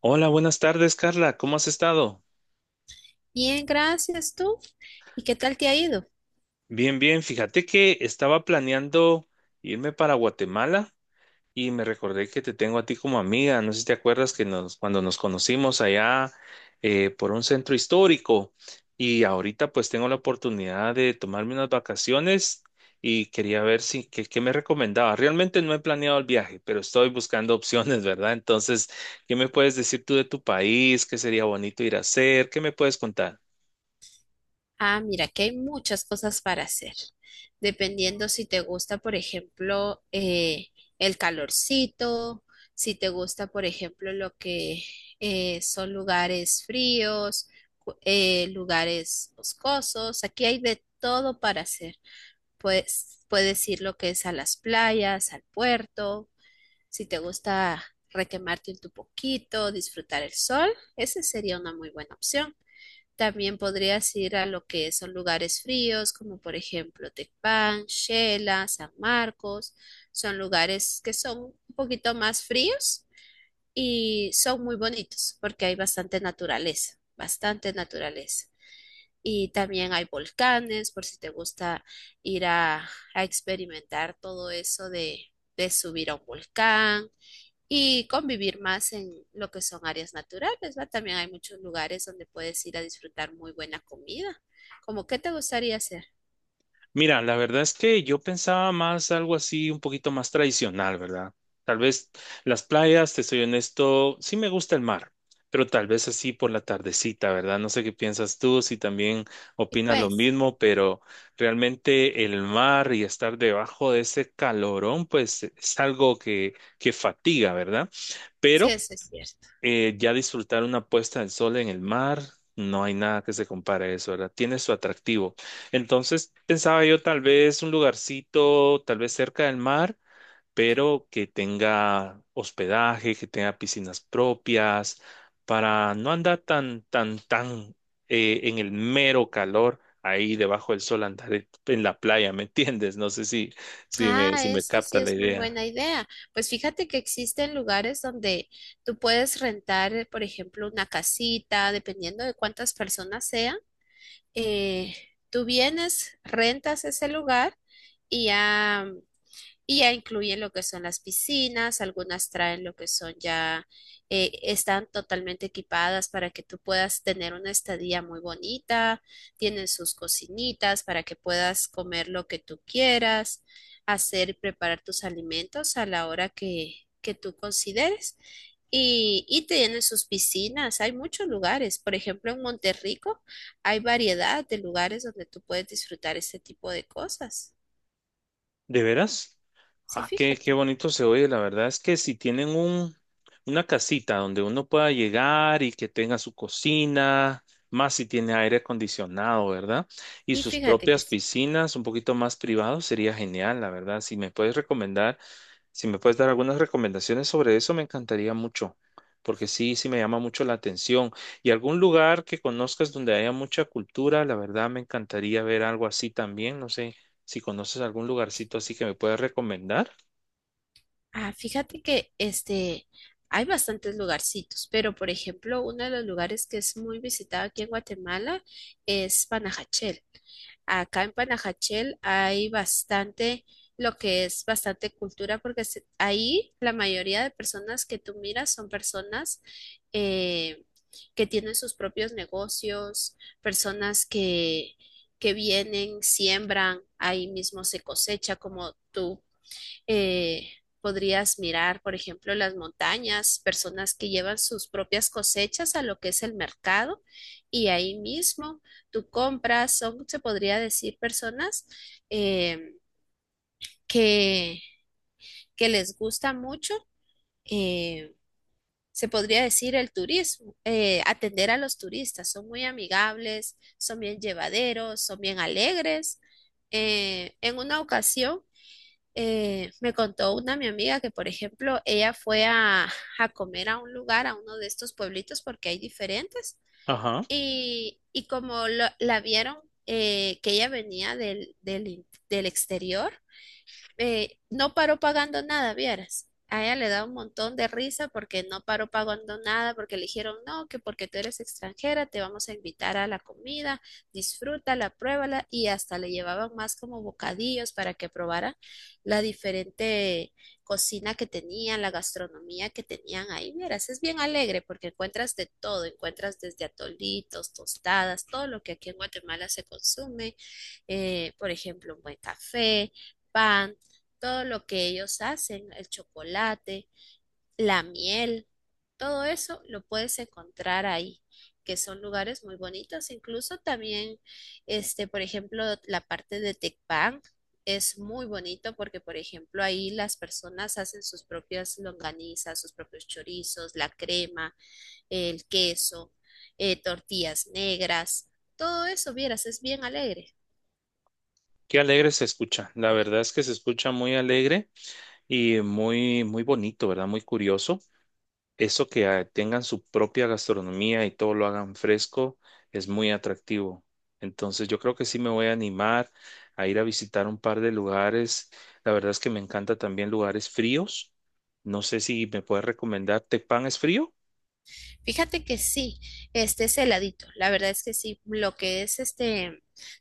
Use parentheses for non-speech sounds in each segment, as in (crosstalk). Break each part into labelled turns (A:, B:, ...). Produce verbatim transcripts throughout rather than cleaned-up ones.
A: Hola, buenas tardes, Carla. ¿Cómo has estado?
B: Bien, gracias tú. ¿Y qué tal te ha ido?
A: Bien, bien. Fíjate que estaba planeando irme para Guatemala y me recordé que te tengo a ti como amiga. No sé si te acuerdas que nos, cuando nos conocimos allá eh, por un centro histórico, y ahorita pues tengo la oportunidad de tomarme unas vacaciones y quería ver si qué, qué me recomendaba. Realmente no he planeado el viaje, pero estoy buscando (laughs) opciones, ¿verdad? Entonces, ¿qué me puedes decir tú de tu país? ¿Qué sería bonito ir a hacer? ¿Qué me puedes contar?
B: Ah, mira, que hay muchas cosas para hacer, dependiendo si te gusta, por ejemplo, eh, el calorcito, si te gusta, por ejemplo, lo que eh, son lugares fríos, cu- eh, lugares boscosos. Aquí hay de todo para hacer. Pues puedes ir lo que es a las playas, al puerto. Si te gusta requemarte un poquito, disfrutar el sol, esa sería una muy buena opción. También podrías ir a lo que son lugares fríos, como por ejemplo Tecpan, Xela, San Marcos. Son lugares que son un poquito más fríos y son muy bonitos porque hay bastante naturaleza, bastante naturaleza. Y también hay volcanes, por si te gusta ir a, a experimentar todo eso de, de subir a un volcán y convivir más en lo que son áreas naturales, ¿va? También hay muchos lugares donde puedes ir a disfrutar muy buena comida. Como, ¿qué te gustaría hacer?
A: Mira, la verdad es que yo pensaba más algo así, un poquito más tradicional, ¿verdad? Tal vez las playas, te soy honesto, sí me gusta el mar, pero tal vez así por la tardecita, ¿verdad? No sé qué piensas tú, si también
B: Y
A: opinas lo
B: pues,
A: mismo, pero realmente el mar y estar debajo de ese calorón, pues es algo que, que fatiga, ¿verdad?
B: sí,
A: Pero
B: eso es cierto.
A: eh, ya disfrutar una puesta del sol en el mar, no hay nada que se compare a eso, ¿verdad? Tiene su atractivo. Entonces, pensaba yo tal vez un lugarcito, tal vez cerca del mar, pero que tenga hospedaje, que tenga piscinas propias, para no andar tan, tan, tan eh, en el mero calor. Ahí debajo del sol andar en la playa, ¿me entiendes? No sé si, si me,
B: Ah,
A: si me
B: eso sí
A: capta la
B: es muy
A: idea.
B: buena idea. Pues fíjate que existen lugares donde tú puedes rentar, eh, por ejemplo, una casita, dependiendo de cuántas personas sean. eh, Tú vienes, rentas ese lugar y ya. Y ya incluyen lo que son las piscinas, algunas traen lo que son ya, eh, están totalmente equipadas para que tú puedas tener una estadía muy bonita, tienen sus cocinitas para que puedas comer lo que tú quieras, hacer y preparar tus alimentos a la hora que, que tú consideres. Y, y tienen sus piscinas, hay muchos lugares. Por ejemplo, en Monterrico hay variedad de lugares donde tú puedes disfrutar este tipo de cosas.
A: ¿De veras?
B: Sí,
A: Ah, qué, qué
B: fíjate.
A: bonito se oye. La verdad es que si tienen un, una casita donde uno pueda llegar y que tenga su cocina, más si tiene aire acondicionado, ¿verdad? Y
B: Y
A: sus
B: fíjate que,
A: propias
B: s-
A: piscinas, un poquito más privado, sería genial, la verdad. Si me puedes recomendar. Si me puedes dar algunas recomendaciones sobre eso, me encantaría mucho, porque sí, sí me llama mucho la atención. Y algún lugar que conozcas donde haya mucha cultura, la verdad me encantaría ver algo así también. No sé si conoces algún lugarcito así que me puedas recomendar.
B: ah, fíjate que este, hay bastantes lugarcitos, pero por ejemplo, uno de los lugares que es muy visitado aquí en Guatemala es Panajachel. Acá en Panajachel hay bastante, lo que es bastante cultura, porque se- ahí la mayoría de personas que tú miras son personas eh, que tienen sus propios negocios, personas que, que vienen, siembran, ahí mismo se cosecha, como tú eh, podrías mirar, por ejemplo, las montañas, personas que llevan sus propias cosechas a lo que es el mercado y ahí mismo tú compras, son, se podría decir, personas eh, que, que les gusta mucho. eh, Se podría decir el turismo, eh, atender a los turistas. Son muy amigables, son bien llevaderos, son bien alegres. Eh, en una ocasión eh, me contó una mi amiga que, por ejemplo, ella fue a, a comer a un lugar, a uno de estos pueblitos, porque hay diferentes,
A: Ajá.
B: y, y como lo- la vieron, eh, que ella venía del, del, in- del exterior, eh, no paró pagando nada, vieras. A ella le da un montón de risa porque no paró pagando nada, porque le dijeron, no, que porque tú eres extranjera, te vamos a invitar a la comida, disfrútala, pruébala, y hasta le llevaban más como bocadillos para que probara la diferente cocina que tenían, la gastronomía que tenían ahí. Vieras, es bien alegre porque encuentras de todo, encuentras desde atolitos, tostadas, todo lo que aquí en Guatemala se consume, eh, por ejemplo, un buen café, pan, todo lo que ellos hacen, el chocolate, la miel, todo eso lo puedes encontrar ahí, que son lugares muy bonitos. Incluso también, este, por ejemplo, la parte de Tecpan es muy bonito porque, por ejemplo, ahí las personas hacen sus propias longanizas, sus propios chorizos, la crema, el queso, eh, tortillas negras. Todo eso, vieras, es bien alegre.
A: Qué alegre se escucha. La verdad es que se escucha muy alegre y muy, muy bonito, ¿verdad? Muy curioso. Eso que ah, tengan su propia gastronomía y todo lo hagan fresco es muy atractivo. Entonces yo creo que sí me voy a animar a ir a visitar un par de lugares. La verdad es que me encanta también lugares fríos. No sé si me puedes recomendar Tepán es frío.
B: Fíjate que sí, este es heladito. La verdad es que sí, lo que es este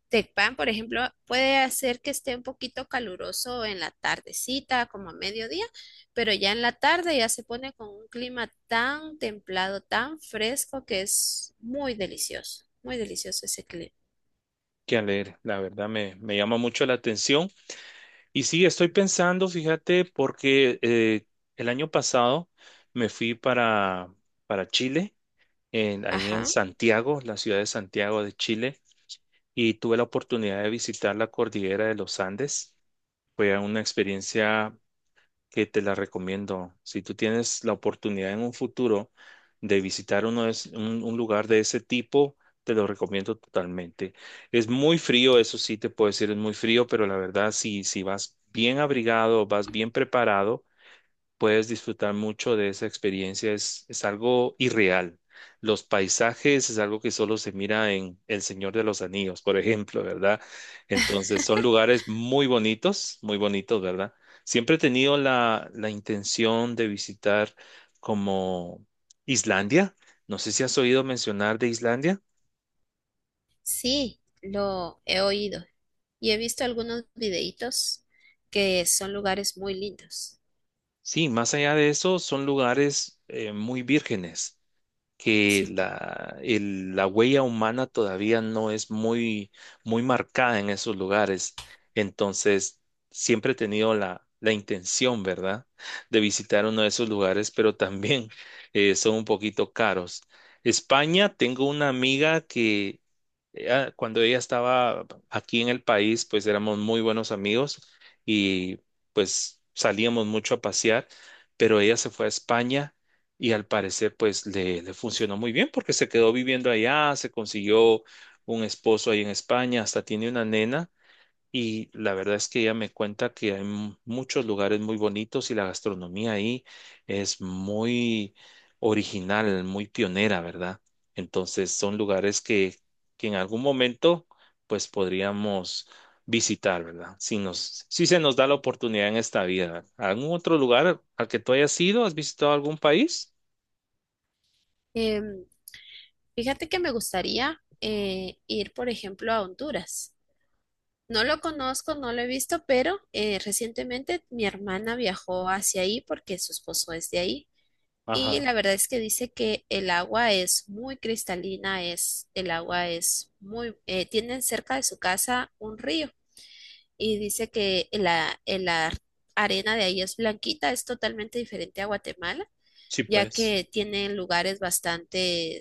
B: Tecpan, por ejemplo, puede hacer que esté un poquito caluroso en la tardecita, como a mediodía, pero ya en la tarde ya se pone con un clima tan templado, tan fresco, que es muy delicioso, muy delicioso ese clima.
A: Que a leer, la verdad me, me llama mucho la atención. Y sí, estoy pensando, fíjate, porque eh, el año pasado me fui para, para Chile, en- ahí en
B: Ajá,
A: Santiago, la ciudad de Santiago de Chile, y tuve la oportunidad de visitar la cordillera de los Andes. Fue una experiencia que te la recomiendo. Si tú tienes la oportunidad en un futuro de visitar uno de es- un, un lugar de ese tipo, te lo recomiendo totalmente. Es muy frío, eso sí te puedo decir, es muy frío, pero la verdad, si, si vas bien abrigado, vas bien preparado, puedes disfrutar mucho de esa experiencia. Es, es algo irreal. Los paisajes es algo que solo se mira en El Señor de los Anillos, por ejemplo, ¿verdad? Entonces son lugares muy bonitos, muy bonitos, ¿verdad? Siempre he tenido la, la intención de visitar como Islandia. No sé si has oído mencionar de Islandia.
B: sí, lo he oído y he visto algunos videitos que son lugares muy lindos.
A: Sí, más allá de eso, son lugares eh, muy vírgenes, que
B: Sí, pues.
A: la, el- la huella humana todavía no es muy, muy marcada en esos lugares. Entonces, siempre he tenido la, la intención, ¿verdad?, de visitar uno de esos lugares, pero también eh, son un poquito caros. España, tengo una amiga que ella- cuando ella estaba aquí en el país, pues éramos muy buenos amigos y pues salíamos mucho a pasear, pero ella se fue a España y al parecer pues le, le funcionó muy bien porque se quedó viviendo allá, se consiguió un esposo ahí en España, hasta tiene una nena, y la verdad es que ella me cuenta que hay mu- muchos lugares muy bonitos y la gastronomía ahí es muy original, muy pionera, ¿verdad? Entonces son lugares que, que en algún momento pues podríamos visitar, ¿verdad? Si nos, si se nos da la oportunidad en esta vida. ¿Algún otro lugar al que tú hayas ido? ¿Has visitado algún país?
B: Em, Fíjate que me gustaría eh, ir, por ejemplo, a Honduras. No lo conozco, no lo he visto, pero eh, recientemente mi hermana viajó hacia ahí porque su esposo es de ahí. Y
A: Ajá,
B: la verdad es que dice que el agua es muy cristalina, es, el agua es muy, eh, tienen cerca de su casa un río y dice que la, la arena de ahí es blanquita, es totalmente diferente a Guatemala,
A: sí,
B: ya
A: pues.
B: que tienen lugares bastante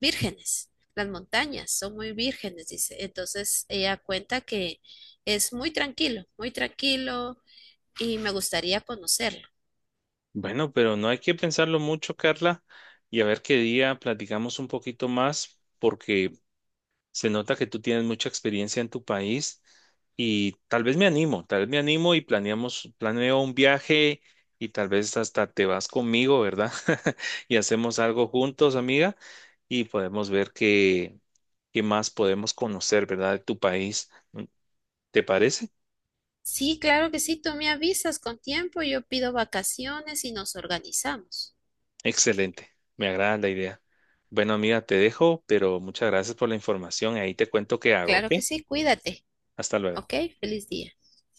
B: vírgenes, las montañas son muy vírgenes, dice. Entonces ella cuenta que es muy tranquilo, muy tranquilo y me gustaría conocerlo.
A: Bueno, pero no hay que pensarlo mucho, Carla, y a ver qué día platicamos un poquito más, porque se nota que tú tienes mucha experiencia en tu país y tal vez me animo, tal vez me animo y planeamos, planeo un viaje y tal vez hasta te vas conmigo, ¿verdad? (laughs) Y hacemos algo juntos, amiga, y podemos ver qué, qué más podemos conocer, ¿verdad? De tu país. ¿Te parece?
B: Sí, claro que sí, tú me avisas con tiempo, yo pido vacaciones y nos organizamos.
A: Excelente, me agrada la idea. Bueno, amiga, te dejo, pero muchas gracias por la información. Ahí te cuento qué hago, ¿ok?
B: Claro que sí, cuídate,
A: Hasta luego.
B: ¿ok? Feliz día.